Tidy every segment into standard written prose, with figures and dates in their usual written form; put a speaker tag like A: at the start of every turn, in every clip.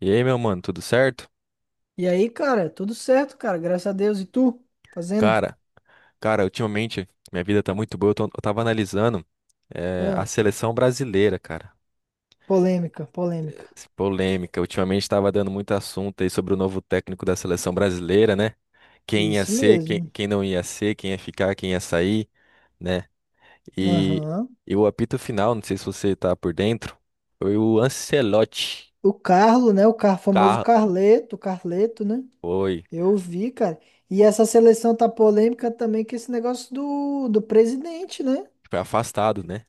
A: E aí, meu mano, tudo certo?
B: E aí, cara, tudo certo, cara, graças a Deus. E tu? Fazendo?
A: Cara, cara, ultimamente minha vida tá muito boa. Eu tava analisando a
B: Ah,
A: seleção brasileira, cara.
B: polêmica, polêmica.
A: Esse Polêmica. Ultimamente tava dando muito assunto aí sobre o novo técnico da seleção brasileira, né? Quem ia
B: Isso
A: ser, quem,
B: mesmo.
A: quem não ia ser, quem ia ficar, quem ia sair, né? E,
B: Aham.
A: e o apito final, não sei se você tá por dentro, foi o Ancelotti.
B: O Carlo, né? O car famoso
A: Carro,
B: Carleto, Carleto, né?
A: foi,
B: Eu vi, cara. E essa seleção tá polêmica também com esse negócio do presidente, né?
A: foi afastado, né?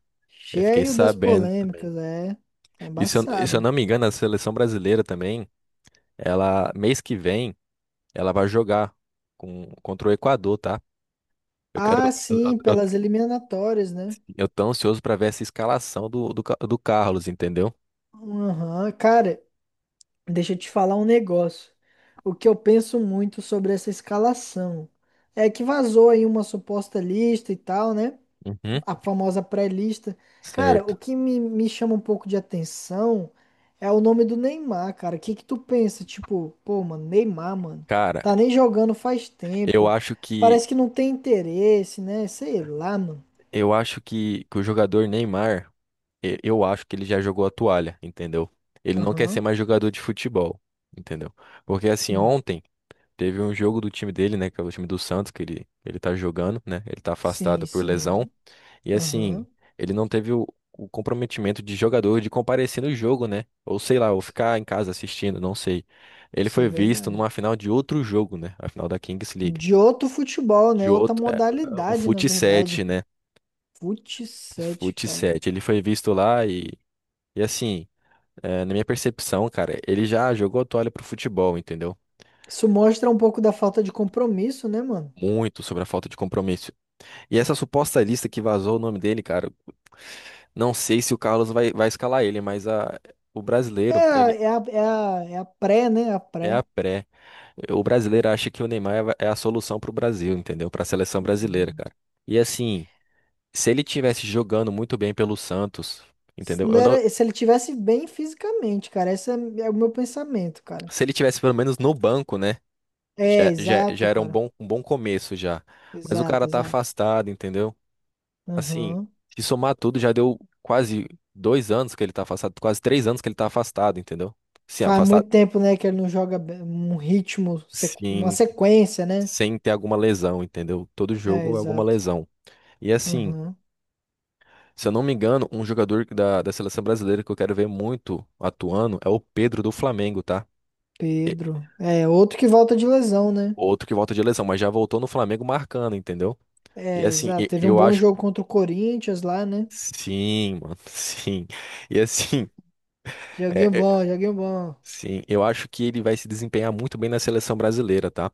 A: Eu fiquei
B: Cheio das
A: sabendo também.
B: polêmicas, é. Tá
A: E se eu
B: embaçado.
A: não me engano, a seleção brasileira também. Mês que vem, ela vai jogar contra o Equador, tá? Eu quero.
B: Ah,
A: Eu,
B: sim,
A: eu,
B: pelas eliminatórias, né?
A: eu tô ansioso pra ver essa escalação do Carlos, entendeu?
B: Aham. Cara, deixa eu te falar um negócio. O que eu penso muito sobre essa escalação é que vazou aí uma suposta lista e tal, né?
A: Uhum.
B: A famosa pré-lista. Cara,
A: Certo.
B: o que me chama um pouco de atenção é o nome do Neymar, cara. O que que tu pensa? Tipo, pô, mano, Neymar, mano,
A: Cara,
B: tá nem jogando faz
A: eu
B: tempo.
A: acho que.
B: Parece que não tem interesse, né? Sei lá, mano.
A: Eu acho que o jogador Neymar, eu acho que ele já jogou a toalha, entendeu? Ele não quer ser
B: Aham.
A: mais jogador de futebol, entendeu? Porque assim,
B: Hum.
A: ontem. Teve um jogo do time dele, né? Que é o time do Santos, que ele tá jogando, né? Ele tá
B: Sim,
A: afastado por lesão.
B: sim.
A: E
B: Aham.
A: assim, ele não teve o comprometimento de jogador de comparecer no jogo, né? Ou sei lá, ou
B: Isso
A: ficar em casa assistindo, não sei. Ele
B: isso é
A: foi visto
B: verdade.
A: numa final de outro jogo, né? A final da Kings League.
B: De outro futebol,
A: De
B: né? Outra
A: outro, é, o
B: modalidade, na
A: Fut
B: verdade.
A: 7, né?
B: Fut 7,
A: Fut
B: cara.
A: 7. Ele foi visto lá e assim, é, na minha percepção, cara, ele já jogou a toalha pro futebol, entendeu?
B: Isso mostra um pouco da falta de compromisso, né, mano?
A: Muito sobre a falta de compromisso. E essa suposta lista que vazou o nome dele, cara, não sei se o Carlos vai escalar ele, mas a, o
B: É,
A: brasileiro,
B: a-
A: ele
B: é a, é a, é a pré, né? A
A: é
B: pré.
A: a pré. O brasileiro acha que o Neymar é a solução pro Brasil, entendeu? Pra seleção brasileira,
B: Uhum.
A: cara. E assim, se ele tivesse jogando muito bem pelo Santos,
B: Se,
A: entendeu?
B: não
A: Eu não,
B: era, se ele tivesse bem fisicamente, cara. Esse é o meu pensamento, cara.
A: se ele tivesse pelo menos no banco, né?
B: É,
A: Já, já, já
B: exato,
A: era
B: cara.
A: um bom começo já. Mas o cara
B: Exato,
A: tá
B: exato.
A: afastado, entendeu? Assim,
B: Aham.
A: se somar tudo, já deu quase 2 anos que ele tá afastado, quase 3 anos que ele tá afastado, entendeu? Sim,
B: Faz
A: afastado,
B: muito tempo, né, que ele não joga um ritmo, uma
A: sim,
B: sequência, né?
A: sem ter alguma lesão, entendeu? Todo
B: É,
A: jogo é alguma
B: exato.
A: lesão. E assim,
B: Aham.
A: se eu não me engano, um jogador da seleção brasileira que eu quero ver muito atuando é o Pedro do Flamengo, tá? E-
B: Pedro. É, outro que volta de lesão, né?
A: Outro que volta de lesão, mas já voltou no Flamengo marcando, entendeu? E
B: É,
A: assim,
B: exato. Teve um
A: eu
B: bom
A: acho.
B: jogo contra o Corinthians lá, né?
A: Sim, mano, sim. E assim,
B: Joguinho
A: é, é-
B: bom, joguinho bom.
A: sim, eu acho que ele vai se desempenhar muito bem na seleção brasileira, tá?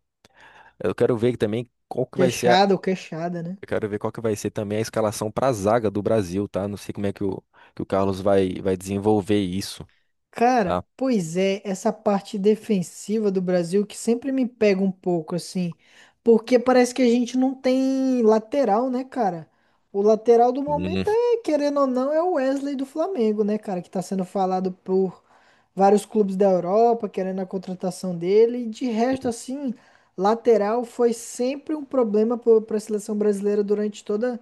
A: Eu quero ver também qual que vai ser a,
B: Queixada ou queixada, né?
A: eu quero ver qual que vai ser também a escalação para a zaga do Brasil, tá? Não sei como é que que o Carlos vai desenvolver isso,
B: Cara,
A: tá?
B: pois é, essa parte defensiva do Brasil que sempre me pega um pouco, assim, porque parece que a gente não tem lateral, né, cara? O lateral do
A: Hum.
B: momento é, querendo ou não, é o Wesley do Flamengo, né, cara, que tá sendo falado por vários clubes da Europa, querendo a contratação dele, e de resto, assim, lateral foi sempre um problema para a seleção brasileira durante toda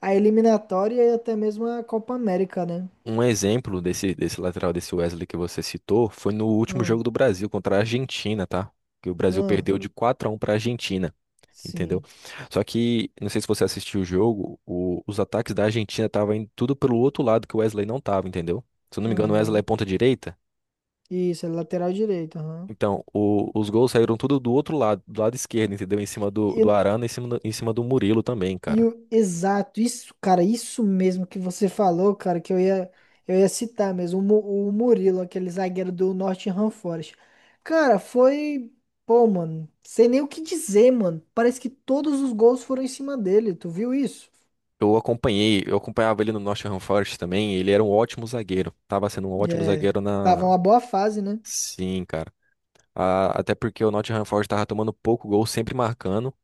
B: a eliminatória e até mesmo a Copa América, né?
A: Um exemplo desse lateral, desse Wesley que você citou, foi no último jogo
B: Hum,
A: do Brasil contra a Argentina, tá? Que o Brasil
B: hum,
A: perdeu de 4-1 para a Argentina, entendeu?
B: sim.
A: Só que, não sei se você assistiu o jogo, os ataques da Argentina estavam indo tudo pelo outro lado que o Wesley não tava, entendeu? Se eu não me engano, o Wesley é
B: Aham.
A: ponta direita.
B: Isso, é lateral direito, aham.
A: Então, os gols saíram tudo do outro lado, do lado esquerdo, entendeu? Em cima do
B: E,
A: Arana, em cima do Murilo também,
B: e
A: cara.
B: o, exato, isso, cara, isso mesmo que você falou, cara, que eu ia citar mesmo, o Murilo, aquele zagueiro do Nottingham Forest. Cara, foi, pô, mano, sem nem o que dizer, mano. Parece que todos os gols foram em cima dele, tu viu isso?
A: Eu acompanhei, eu acompanhava ele no Nottingham Forest também, ele era um ótimo zagueiro. Tava sendo um ótimo
B: É,
A: zagueiro
B: tava
A: na.
B: uma boa fase, né?
A: Sim, cara. Até porque o Nottingham Forest tava tomando pouco gol, sempre marcando.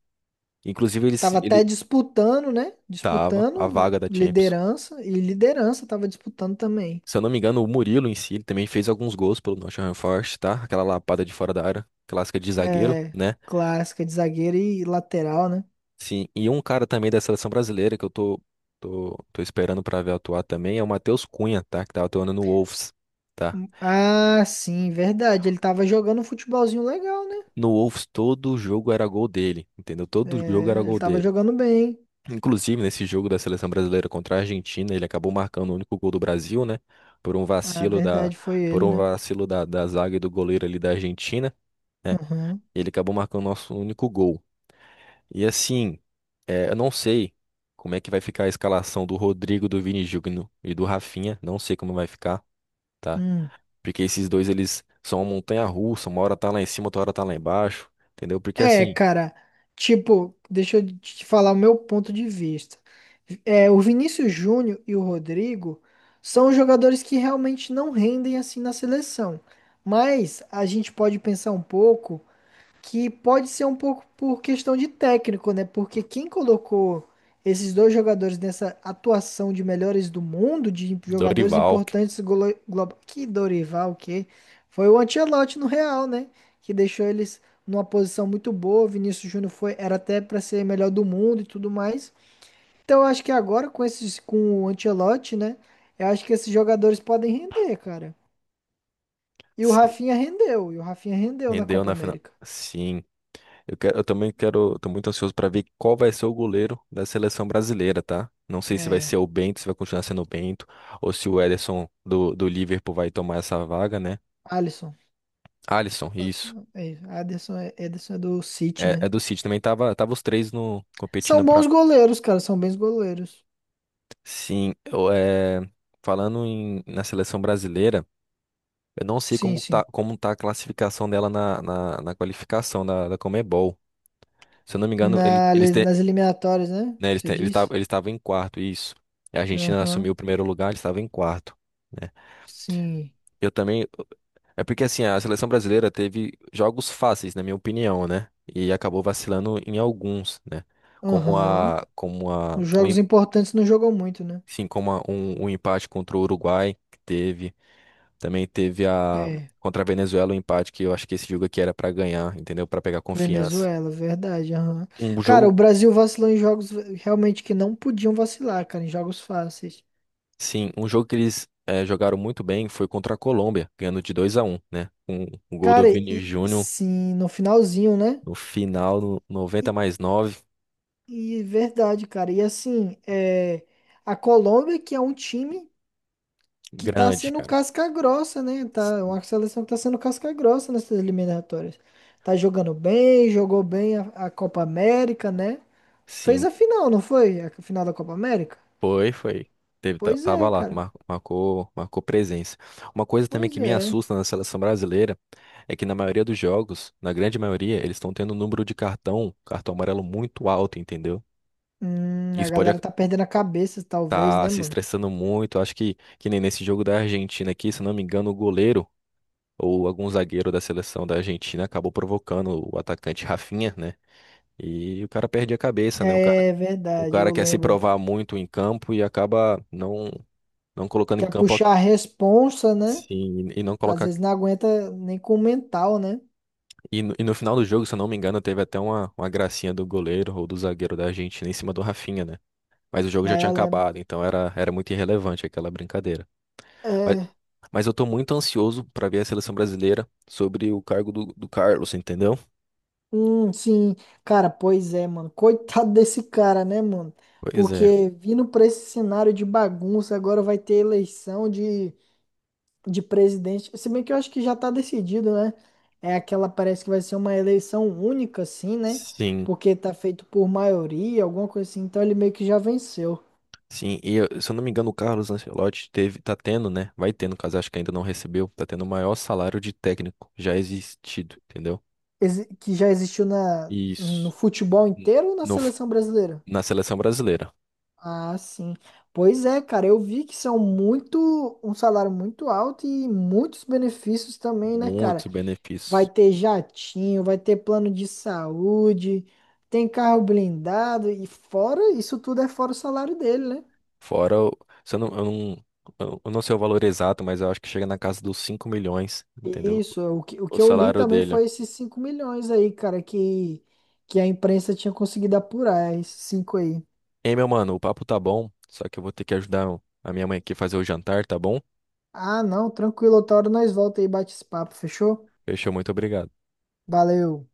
A: Inclusive, ele,
B: Tava
A: se-
B: até
A: ele
B: disputando, né?
A: tava, a
B: Disputando
A: vaga da Champions.
B: liderança, e liderança tava disputando também.
A: Se eu não me engano, o Murilo em si, ele também fez alguns gols pelo Nottingham Forest, tá? Aquela lapada de fora da área, clássica de zagueiro,
B: É,
A: né?
B: clássica de zagueiro e lateral, né?
A: Sim, e um cara também da seleção brasileira que eu tô esperando pra ver atuar também é o Matheus Cunha, tá? Que tava atuando no Wolves, tá?
B: Ah, sim, verdade. Ele tava jogando um futebolzinho legal, né?
A: No Wolves todo jogo era gol dele, entendeu? Todo jogo era
B: É, ele
A: gol
B: tava
A: dele.
B: jogando bem.
A: Inclusive nesse jogo da seleção brasileira contra a Argentina, ele acabou marcando o único gol do Brasil, né? Por um
B: Ah,
A: vacilo da,
B: verdade, foi
A: por
B: ele,
A: um
B: né?
A: vacilo da zaga e do goleiro ali da Argentina, né?
B: Aham.
A: Ele acabou marcando o nosso único gol. E assim, é, eu não sei como é que vai ficar a escalação do Rodrigo, do Vini Júnior e do Rafinha. Não sei como vai ficar, tá?
B: Hum.
A: Porque esses dois, eles são uma montanha-russa. Uma hora tá lá em cima, outra hora tá lá embaixo. Entendeu? Porque
B: É,
A: assim,
B: cara, tipo, deixa eu te falar o meu ponto de vista. É, o Vinícius Júnior e o Rodrigo são jogadores que realmente não rendem assim na seleção. Mas a gente pode pensar um pouco, que pode ser um pouco por questão de técnico, né? Porque quem colocou esses dois jogadores nessa atuação de melhores do mundo, de jogadores
A: Dorival
B: importantes global, que Dorival, que foi o Ancelotti no Real, né? Que deixou eles numa posição muito boa. O Vinícius Júnior foi era até para ser melhor do mundo e tudo mais. Então eu acho que agora com o Ancelotti, né? Eu acho que esses jogadores podem render, cara. E o
A: se
B: Rafinha rendeu na
A: rendeu
B: Copa
A: na final.
B: América.
A: Sim, eu quero, eu também quero, tô muito ansioso pra ver qual vai ser o goleiro da seleção brasileira, tá? Não sei se vai
B: É,
A: ser o Bento, se vai continuar sendo o Bento, ou se o Ederson do Liverpool vai tomar essa vaga, né?
B: Alisson.
A: Alisson, isso.
B: É, Ederson é do City,
A: É
B: né?
A: do City também tava os três no competindo
B: São
A: pra.
B: bons goleiros, cara, são bons goleiros.
A: Sim, falando na seleção brasileira, eu não sei
B: Sim,
A: como tá,
B: sim.
A: como tá a classificação dela na qualificação da Conmebol. Se eu não me engano,
B: Na, nas eliminatórias, né?
A: né, eles
B: Você
A: te, eles
B: diz?
A: tavam- eles estavam em quarto, isso. E a Argentina
B: Aham,
A: assumiu o primeiro lugar, eles estavam em quarto. Né?
B: sim.
A: Eu também. É porque assim, a seleção brasileira teve jogos fáceis, na minha opinião, né? E acabou vacilando em alguns, né? Como
B: Aham.
A: a, como a,
B: Os
A: o
B: jogos importantes não jogam muito, né?
A: Sim, um empate contra o Uruguai que teve. Também teve a
B: É,
A: contra a Venezuela um empate que eu acho que esse jogo aqui era pra ganhar, entendeu? Pra pegar confiança.
B: Venezuela, verdade. Aham.
A: Um
B: Cara,
A: jogo,
B: o Brasil vacilou em jogos realmente que não podiam vacilar, cara, em jogos fáceis.
A: sim, um jogo que eles jogaram muito bem foi contra a Colômbia, ganhando de 2-1, né? Um gol do
B: Cara,
A: Vini
B: e
A: Júnior
B: sim, no finalzinho, né?
A: no final, no
B: E,
A: 90+9.
B: e verdade, cara. E assim, é, a Colômbia, que é um time que tá
A: Grande,
B: sendo
A: cara.
B: casca grossa, né?
A: S-
B: Tá, uma seleção que tá sendo casca grossa nessas eliminatórias. Tá jogando bem, jogou bem a Copa América, né? Fez
A: Sim.
B: a final, não foi? A final da Copa América?
A: Foi, foi.
B: Pois
A: Tava
B: é,
A: lá,
B: cara.
A: marcou presença. Uma coisa também
B: Pois
A: que me
B: é.
A: assusta na seleção brasileira é que na maioria dos jogos, na grande maioria, eles estão tendo um número de cartão, cartão amarelo muito alto, entendeu?
B: A
A: Isso pode
B: galera
A: estar
B: tá perdendo a cabeça, talvez,
A: tá
B: né,
A: se
B: mano?
A: estressando muito. Acho que nem nesse jogo da Argentina aqui, se eu não me engano, o goleiro ou algum zagueiro da seleção da Argentina acabou provocando o atacante Rafinha, né? E o cara perde a cabeça, né? O cara,
B: É
A: o
B: verdade,
A: cara
B: eu
A: quer se
B: lembro.
A: provar muito em campo e acaba não colocando em
B: Quer
A: campo.
B: puxar a responsa, né?
A: Sim, e não
B: Às
A: colocar.
B: vezes não aguenta nem com o mental, né?
A: E no final do jogo, se eu não me engano, teve até uma, gracinha do goleiro ou do zagueiro da Argentina em cima do Rafinha, né? Mas o jogo já
B: Aí
A: tinha
B: eu lembro.
A: acabado, então era muito irrelevante aquela brincadeira. Mas,
B: É.
A: mas eu tô muito ansioso pra ver a seleção brasileira sobre o cargo do Carlos, entendeu?
B: Sim, cara, pois é, mano. Coitado desse cara, né, mano?
A: Pois é.
B: Porque vindo pra esse cenário de bagunça, agora vai ter eleição de presidente. Se bem que eu acho que já tá decidido, né? É aquela, parece que vai ser uma eleição única, assim, né?
A: Sim,
B: Porque tá feito por maioria, alguma coisa assim. Então ele meio que já venceu.
A: sim. Se eu não me engano, o Carlos Ancelotti teve, tá tendo, né? Vai ter, no caso, acho que ainda não recebeu, tá tendo o maior salário de técnico já existido, entendeu?
B: Que já existiu na, no
A: Isso.
B: futebol
A: N-
B: inteiro ou na
A: No, f-
B: seleção brasileira?
A: na seleção brasileira.
B: Ah, sim. Pois é, cara, eu vi que são muito, um salário muito alto e muitos benefícios também, né, cara?
A: Muitos
B: Vai
A: benefícios.
B: ter jatinho, vai ter plano de saúde, tem carro blindado e fora, isso tudo é fora o salário dele, né?
A: Fora, se eu não, eu não, eu não sei o valor exato, mas eu acho que chega na casa dos 5 milhões, entendeu?
B: Isso, o que, o
A: O
B: que eu li
A: salário
B: também
A: dele.
B: foi esses 5 milhões aí, cara, que a imprensa tinha conseguido apurar, esses 5 aí.
A: Ei, meu mano, o papo tá bom, só que eu vou ter que ajudar a minha mãe aqui a fazer o jantar, tá bom?
B: Ah, não, tranquilo, outra hora nós volta aí e bate esse papo, fechou?
A: Fechou, muito obrigado.
B: Valeu.